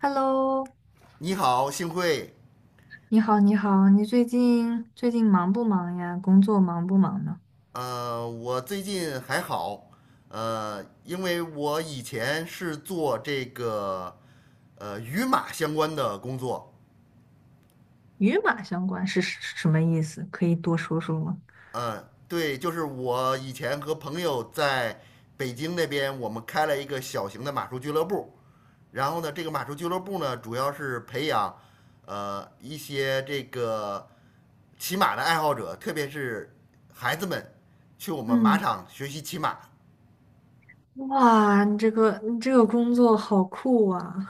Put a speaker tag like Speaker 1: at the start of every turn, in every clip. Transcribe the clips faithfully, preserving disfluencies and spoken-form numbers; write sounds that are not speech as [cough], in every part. Speaker 1: Hello，
Speaker 2: 你好，幸会。
Speaker 1: 你好，你好，你最近最近忙不忙呀？工作忙不忙呢？
Speaker 2: 呃，我最近还好，呃，因为我以前是做这个呃与马相关的工作。
Speaker 1: 与马相关是什什么意思？可以多说说吗？
Speaker 2: 嗯、对，就是我以前和朋友在北京那边，我们开了一个小型的马术俱乐部。然后呢，这个马术俱乐部呢，主要是培养呃一些这个骑马的爱好者，特别是孩子们去我们马
Speaker 1: 嗯，
Speaker 2: 场学习骑马。
Speaker 1: 哇，你这个你这个工作好酷啊！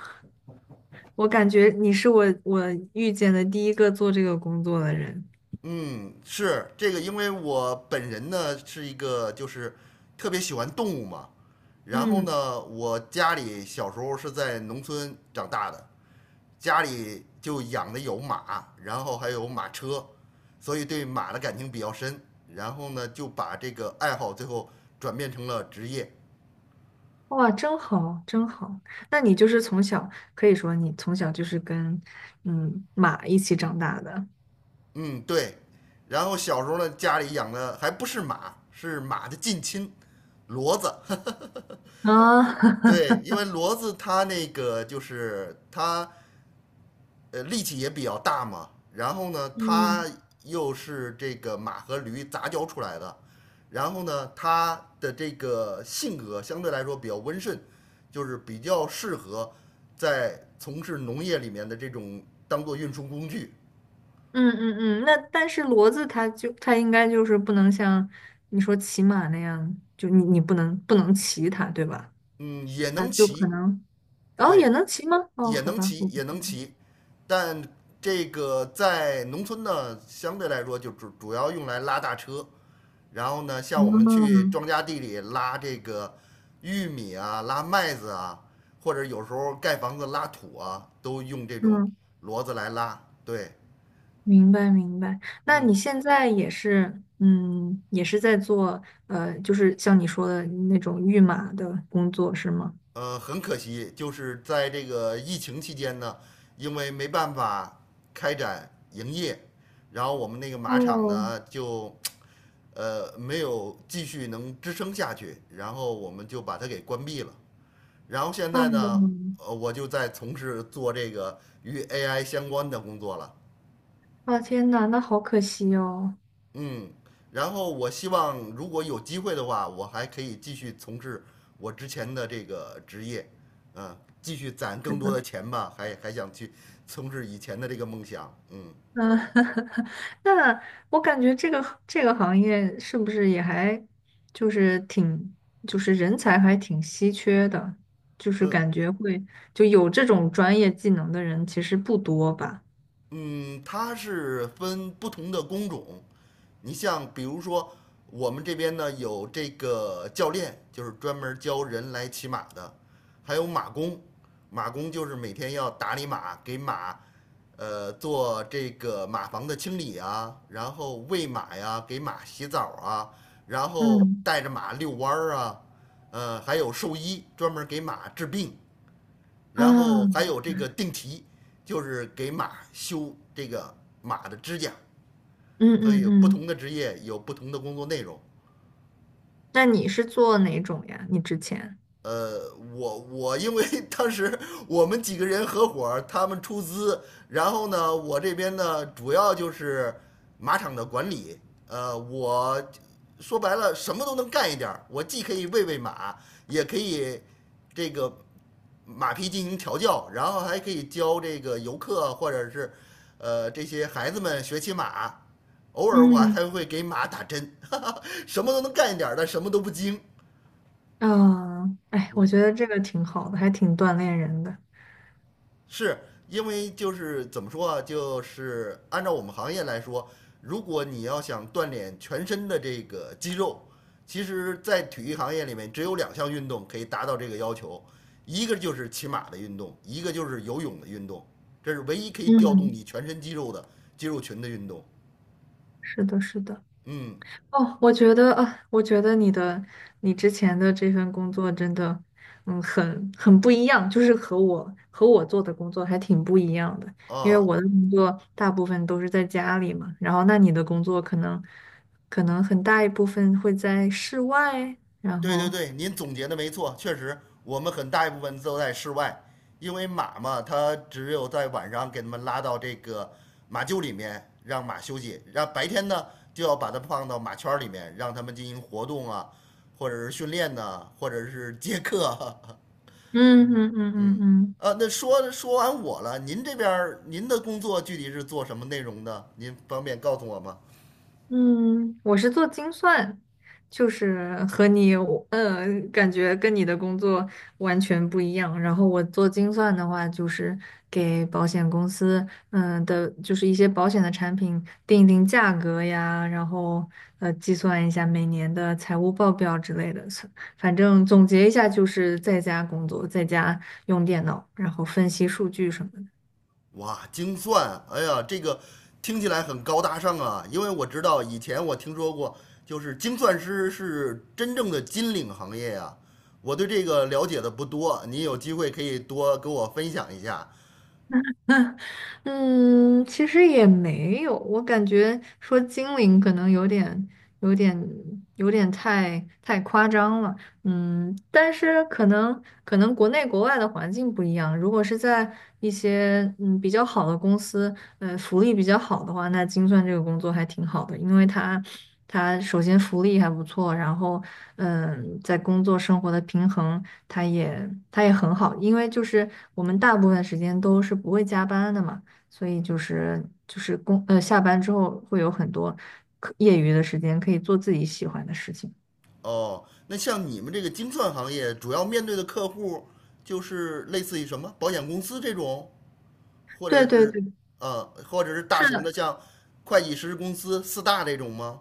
Speaker 1: 我感觉你是我我遇见的第一个做这个工作的人。
Speaker 2: 嗯，是这个，因为我本人呢是一个就是特别喜欢动物嘛，然后
Speaker 1: 嗯，
Speaker 2: 呢，我家里小时候是在农村长大的，家里就养的有马，然后还有马车，所以对马的感情比较深，然后呢就把这个爱好最后转变成了职业。
Speaker 1: 哇，真好，真好。那你就是从小，可以说你从小就是跟嗯马一起长大的
Speaker 2: 嗯，对，然后小时候呢家里养的还不是马，是马的近亲，骡子。[laughs]
Speaker 1: 啊。[laughs]
Speaker 2: 对，因为骡子它那个就是它呃力气也比较大嘛，然后呢，它
Speaker 1: 嗯。
Speaker 2: 又是这个马和驴杂交出来的，然后呢，它的这个性格相对来说比较温顺，就是比较适合在从事农业里面的这种当做运输工具。
Speaker 1: 嗯嗯嗯，那但是骡子它就它应该就是不能像你说骑马那样，就你你不能不能骑它，对吧？
Speaker 2: 嗯，也
Speaker 1: 啊，
Speaker 2: 能
Speaker 1: 就可
Speaker 2: 骑，
Speaker 1: 能，然后也
Speaker 2: 对，
Speaker 1: 能骑吗？哦，
Speaker 2: 也
Speaker 1: 好
Speaker 2: 能
Speaker 1: 吧，
Speaker 2: 骑，
Speaker 1: 我不，
Speaker 2: 也能骑，但这个在农村呢，相对来说就主主要用来拉大车。然后呢，像我们去
Speaker 1: 嗯
Speaker 2: 庄稼地里拉这个玉米啊、拉麦子啊，或者有时候盖房子拉土啊，都用这种
Speaker 1: 嗯，
Speaker 2: 骡子来拉。对，
Speaker 1: 明白明白。那你
Speaker 2: 嗯，
Speaker 1: 现在也是，嗯，也是在做，呃，就是像你说的那种御马的工作是吗？
Speaker 2: 呃，很可惜，就是在这个疫情期间呢，因为没办法开展营业，然后我们那个马场
Speaker 1: 哦
Speaker 2: 呢就呃没有继续能支撑下去，然后我们就把它给关闭了。然后现
Speaker 1: 哦，
Speaker 2: 在呢，呃，我就在从事做这个与 A I 相关的工作了。
Speaker 1: 啊天呐，那好可惜哦。
Speaker 2: 嗯，然后我希望如果有机会的话，我还可以继续从事我之前的这个职业，嗯，继续攒
Speaker 1: 是
Speaker 2: 更多
Speaker 1: 的。
Speaker 2: 的钱吧，还还想去从事以前的这个梦想。嗯
Speaker 1: 嗯，[laughs] 那我感觉这个这个行业是不是也还就是挺就是人才还挺稀缺的，就是感觉会就有这种专业技能的人其实不多吧？
Speaker 2: 嗯，它是分不同的工种，你像比如说我们这边呢有这个教练，就是专门教人来骑马的，还有马工，马工就是每天要打理马，给马。呃，做这个马房的清理啊，然后喂马呀，给马洗澡啊，然后
Speaker 1: 嗯
Speaker 2: 带着马遛弯儿啊，呃，还有兽医专门给马治病，
Speaker 1: 啊，
Speaker 2: 然后还
Speaker 1: 嗯
Speaker 2: 有这个定蹄，就是给马修这个马的指甲，
Speaker 1: 嗯
Speaker 2: 所以有不
Speaker 1: 嗯，
Speaker 2: 同的职业有不同的工作内容，
Speaker 1: 那你是做哪种呀？你之前？
Speaker 2: 呃，我我因为当时我们几个人合伙他们出资，然后呢，我这边呢主要就是马场的管理，呃，我说白了什么都能干一点我既可以喂喂马，也可以这个马匹进行调教，然后还可以教这个游客或者是呃这些孩子们学骑马，偶尔我
Speaker 1: 嗯
Speaker 2: 还会给马打针，哈哈，什么都能干一点儿，但什么都不精，
Speaker 1: 啊，哎，我
Speaker 2: 嗯。
Speaker 1: 觉得这个挺好的，还挺锻炼人的。
Speaker 2: 是因为就是怎么说啊，就是按照我们行业来说，如果你要想锻炼全身的这个肌肉，其实，在体育行业里面，只有两项运动可以达到这个要求，一个就是骑马的运动，一个就是游泳的运动，这是唯一可以调动
Speaker 1: 嗯，
Speaker 2: 你全身肌肉的肌肉群的运动。
Speaker 1: 是的，是的。
Speaker 2: 嗯，
Speaker 1: 哦，我觉得啊，我觉得你的你之前的这份工作真的，嗯，很很不一样，就是和我和我做的工作还挺不一样的。因为
Speaker 2: 啊，
Speaker 1: 我的工作大部分都是在家里嘛，然后那你的工作可能可能很大一部分会在室外，然
Speaker 2: 对对
Speaker 1: 后
Speaker 2: 对，您总结的没错，确实，我们很大一部分都在室外，因为马嘛，它只有在晚上给它们拉到这个马厩里面让马休息，然后白天呢就要把它放到马圈儿里面，让它们进行活动啊，或者是训练呐、或者是接客啊。[laughs]
Speaker 1: 嗯嗯嗯嗯嗯。
Speaker 2: 呃那说说完我了，您这边儿您的工作具体是做什么内容的？您方便告诉我吗？
Speaker 1: 嗯，我是做精算，就是和你有，呃，感觉跟你的工作完全不一样。然后我做精算的话，就是给保险公司，嗯的，就是一些保险的产品定一定价格呀，然后呃计算一下每年的财务报表之类的。反正总结一下，就是在家工作，在家用电脑，然后分析数据什么的。
Speaker 2: 哇，精算，哎呀，这个听起来很高大上啊，因为我知道以前我听说过，就是精算师是真正的金领行业呀、我对这个了解的不多，你有机会可以多跟我分享一下
Speaker 1: 嗯，其实也没有，我感觉说精灵可能有点、有点、有点太太夸张了。嗯，但是可能可能国内国外的环境不一样，如果是在一些嗯比较好的公司，呃，福利比较好的话，那精算这个工作还挺好的，因为它它首先福利还不错，然后嗯，在工作生活的平衡，它也它也很好，因为就是我们大部分时间都是不会加班的嘛。所以就是就是工呃下班之后会有很多可业余的时间可以做自己喜欢的事情。
Speaker 2: 哦。那像你们这个精算行业，主要面对的客户就是类似于什么保险公司这种，或者
Speaker 1: 对对
Speaker 2: 是
Speaker 1: 对，
Speaker 2: 呃，或者是大
Speaker 1: 是
Speaker 2: 型的
Speaker 1: 的，
Speaker 2: 像会计师公司四大这种吗？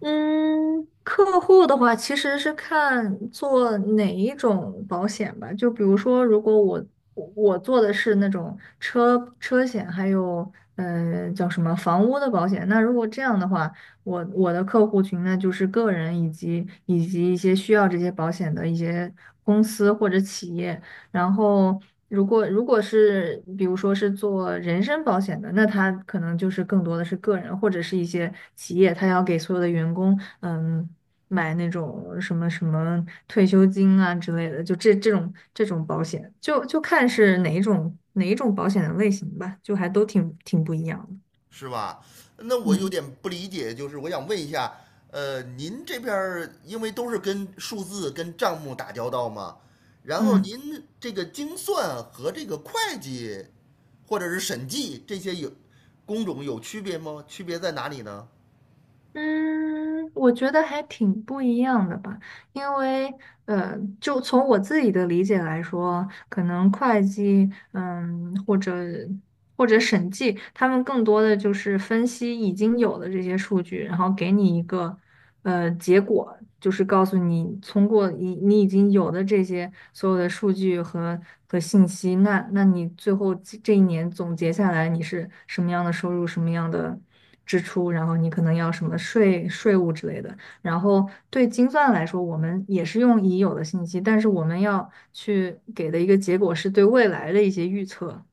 Speaker 1: 嗯，客户的话其实是看做哪一种保险吧，就比如说如果我我我做的是那种车车险，还有呃叫什么房屋的保险，那如果这样的话，我我的客户群呢就是个人以及以及一些需要这些保险的一些公司或者企业。然后，如果如果是比如说是做人身保险的，那他可能就是更多的是个人或者是一些企业，他要给所有的员工，嗯，买那种什么什么退休金啊之类的，就这这种这种保险，就就看是哪一种哪一种保险的类型吧，就还都挺挺不一样
Speaker 2: 是吧？那
Speaker 1: 的。
Speaker 2: 我有
Speaker 1: 嗯
Speaker 2: 点不理解，就是我想问一下，呃，您这边儿因为都是跟数字、跟账目打交道嘛，然后
Speaker 1: 嗯。
Speaker 2: 您这个精算和这个会计或者是审计这些有工种有区别吗？区别在哪里呢？
Speaker 1: 嗯，我觉得还挺不一样的吧，因为呃，就从我自己的理解来说，可能会计，嗯，或者或者审计，他们更多的就是分析已经有的这些数据，然后给你一个呃结果，就是告诉你，通过你你已经有的这些所有的数据和和信息，那那你最后这这一年总结下来，你是什么样的收入，什么样的支出，然后你可能要什么税税务之类的。然后对精算来说，我们也是用已有的信息，但是我们要去给的一个结果是对未来的一些预测，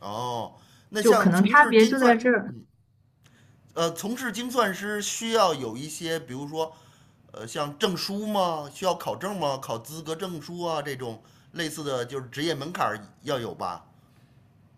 Speaker 2: 哦，那
Speaker 1: 就可
Speaker 2: 像
Speaker 1: 能
Speaker 2: 从
Speaker 1: 差
Speaker 2: 事
Speaker 1: 别
Speaker 2: 精
Speaker 1: 就在
Speaker 2: 算，
Speaker 1: 这儿。
Speaker 2: 呃，从事精算师需要有一些，比如说，呃，像证书吗？需要考证吗？考资格证书啊，这种类似的就是职业门槛儿要有吧？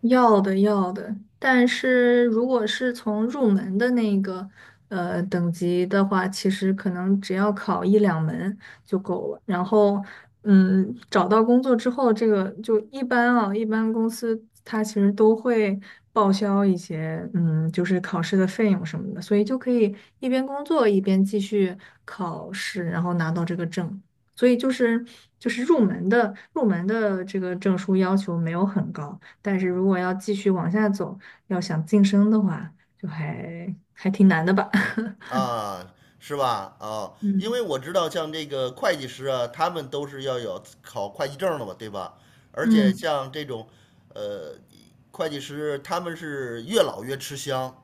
Speaker 1: 要的要的，但是如果是从入门的那个呃等级的话，其实可能只要考一两门就够了。然后，嗯，找到工作之后，这个就一般啊，一般公司它其实都会报销一些，嗯，就是考试的费用什么的，所以就可以一边工作一边继续考试，然后拿到这个证。所以就是就是入门的入门的这个证书要求没有很高。但是如果要继续往下走，要想晋升的话，就还还挺难的吧。[laughs]
Speaker 2: 啊，是吧？啊，因为
Speaker 1: 嗯
Speaker 2: 我知道像这个会计师啊，他们都是要有考会计证的嘛，对吧？而且
Speaker 1: 嗯
Speaker 2: 像这种，呃，会计师他们是越老越吃香，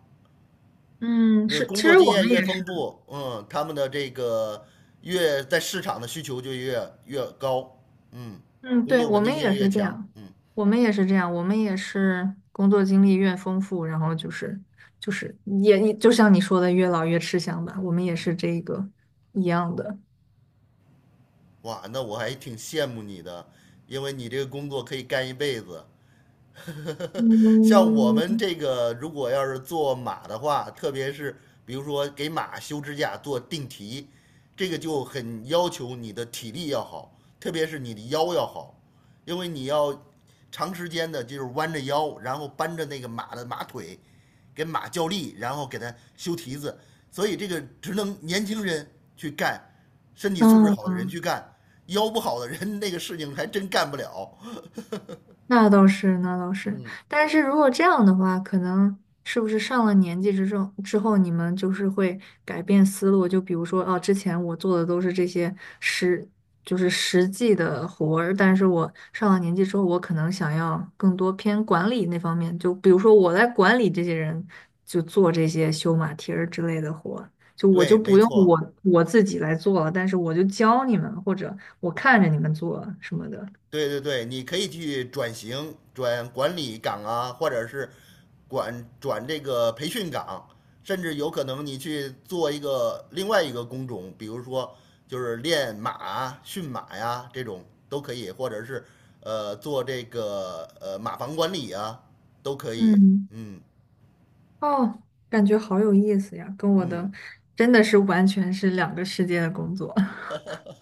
Speaker 1: 嗯，
Speaker 2: 那
Speaker 1: 是，其
Speaker 2: 工作
Speaker 1: 实
Speaker 2: 经
Speaker 1: 我
Speaker 2: 验
Speaker 1: 们也
Speaker 2: 越丰
Speaker 1: 是，
Speaker 2: 富，嗯，他们的这个越在市场的需求就越越高，嗯，
Speaker 1: 嗯，
Speaker 2: 工
Speaker 1: 对，
Speaker 2: 作
Speaker 1: 我
Speaker 2: 稳定
Speaker 1: 们
Speaker 2: 性
Speaker 1: 也
Speaker 2: 越
Speaker 1: 是这
Speaker 2: 强，
Speaker 1: 样，
Speaker 2: 嗯，
Speaker 1: 我们也是这样，我们也是工作经历越丰富，然后就是就是也也就像你说的，越老越吃香吧，我们也是这个一样的。
Speaker 2: 哇，那我还挺羡慕你的，因为你这个工作可以干一辈子，[laughs] 像我们
Speaker 1: 嗯
Speaker 2: 这个，如果要是做马的话，特别是比如说给马修指甲、做定蹄，这个就很要求你的体力要好，特别是你的腰要好，因为你要长时间的就是弯着腰，然后扳着那个马的马腿，给马较力，然后给它修蹄子。所以这个只能年轻人去干，身体素质
Speaker 1: 嗯，
Speaker 2: 好的人去干，腰不好的人那个事情还真干不了。
Speaker 1: 那倒是，那倒是。
Speaker 2: 嗯，
Speaker 1: 但是如果这样的话，可能是不是上了年纪之后，之后你们就是会改变思路？就比如说，哦，之前我做的都是这些实，就是实际的活儿，但是我上了年纪之后，我可能想要更多偏管理那方面。就比如说，我来管理这些人，就做这些修马蹄儿之类的活儿就我就
Speaker 2: 对，
Speaker 1: 不
Speaker 2: 没
Speaker 1: 用
Speaker 2: 错。
Speaker 1: 我我自己来做了，但是我就教你们，或者我看着你们做什么的。
Speaker 2: 对对对，你可以去转型，转管理岗啊，或者是管转这个培训岗，甚至有可能你去做一个另外一个工种，比如说就是练马啊、驯马呀这种都可以，或者是呃做这个呃马房管理啊都可以。
Speaker 1: 嗯。
Speaker 2: 嗯
Speaker 1: 哦，感觉好有意思呀，跟我
Speaker 2: 嗯，
Speaker 1: 的真的是完全是两个世界的工作。[laughs]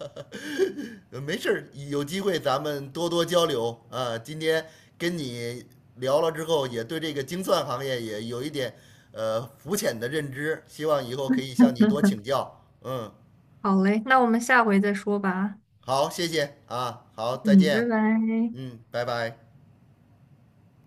Speaker 2: [laughs] 呃没事儿，有机会咱们多多交流啊。今天跟你聊了之后，也对这个精算行业也有一点呃肤浅的认知，希望以后可以向你多请教。嗯，
Speaker 1: 好嘞，那我们下回再说吧。
Speaker 2: 好，谢谢啊，好，再
Speaker 1: 嗯，拜
Speaker 2: 见，
Speaker 1: 拜。
Speaker 2: 嗯，拜拜。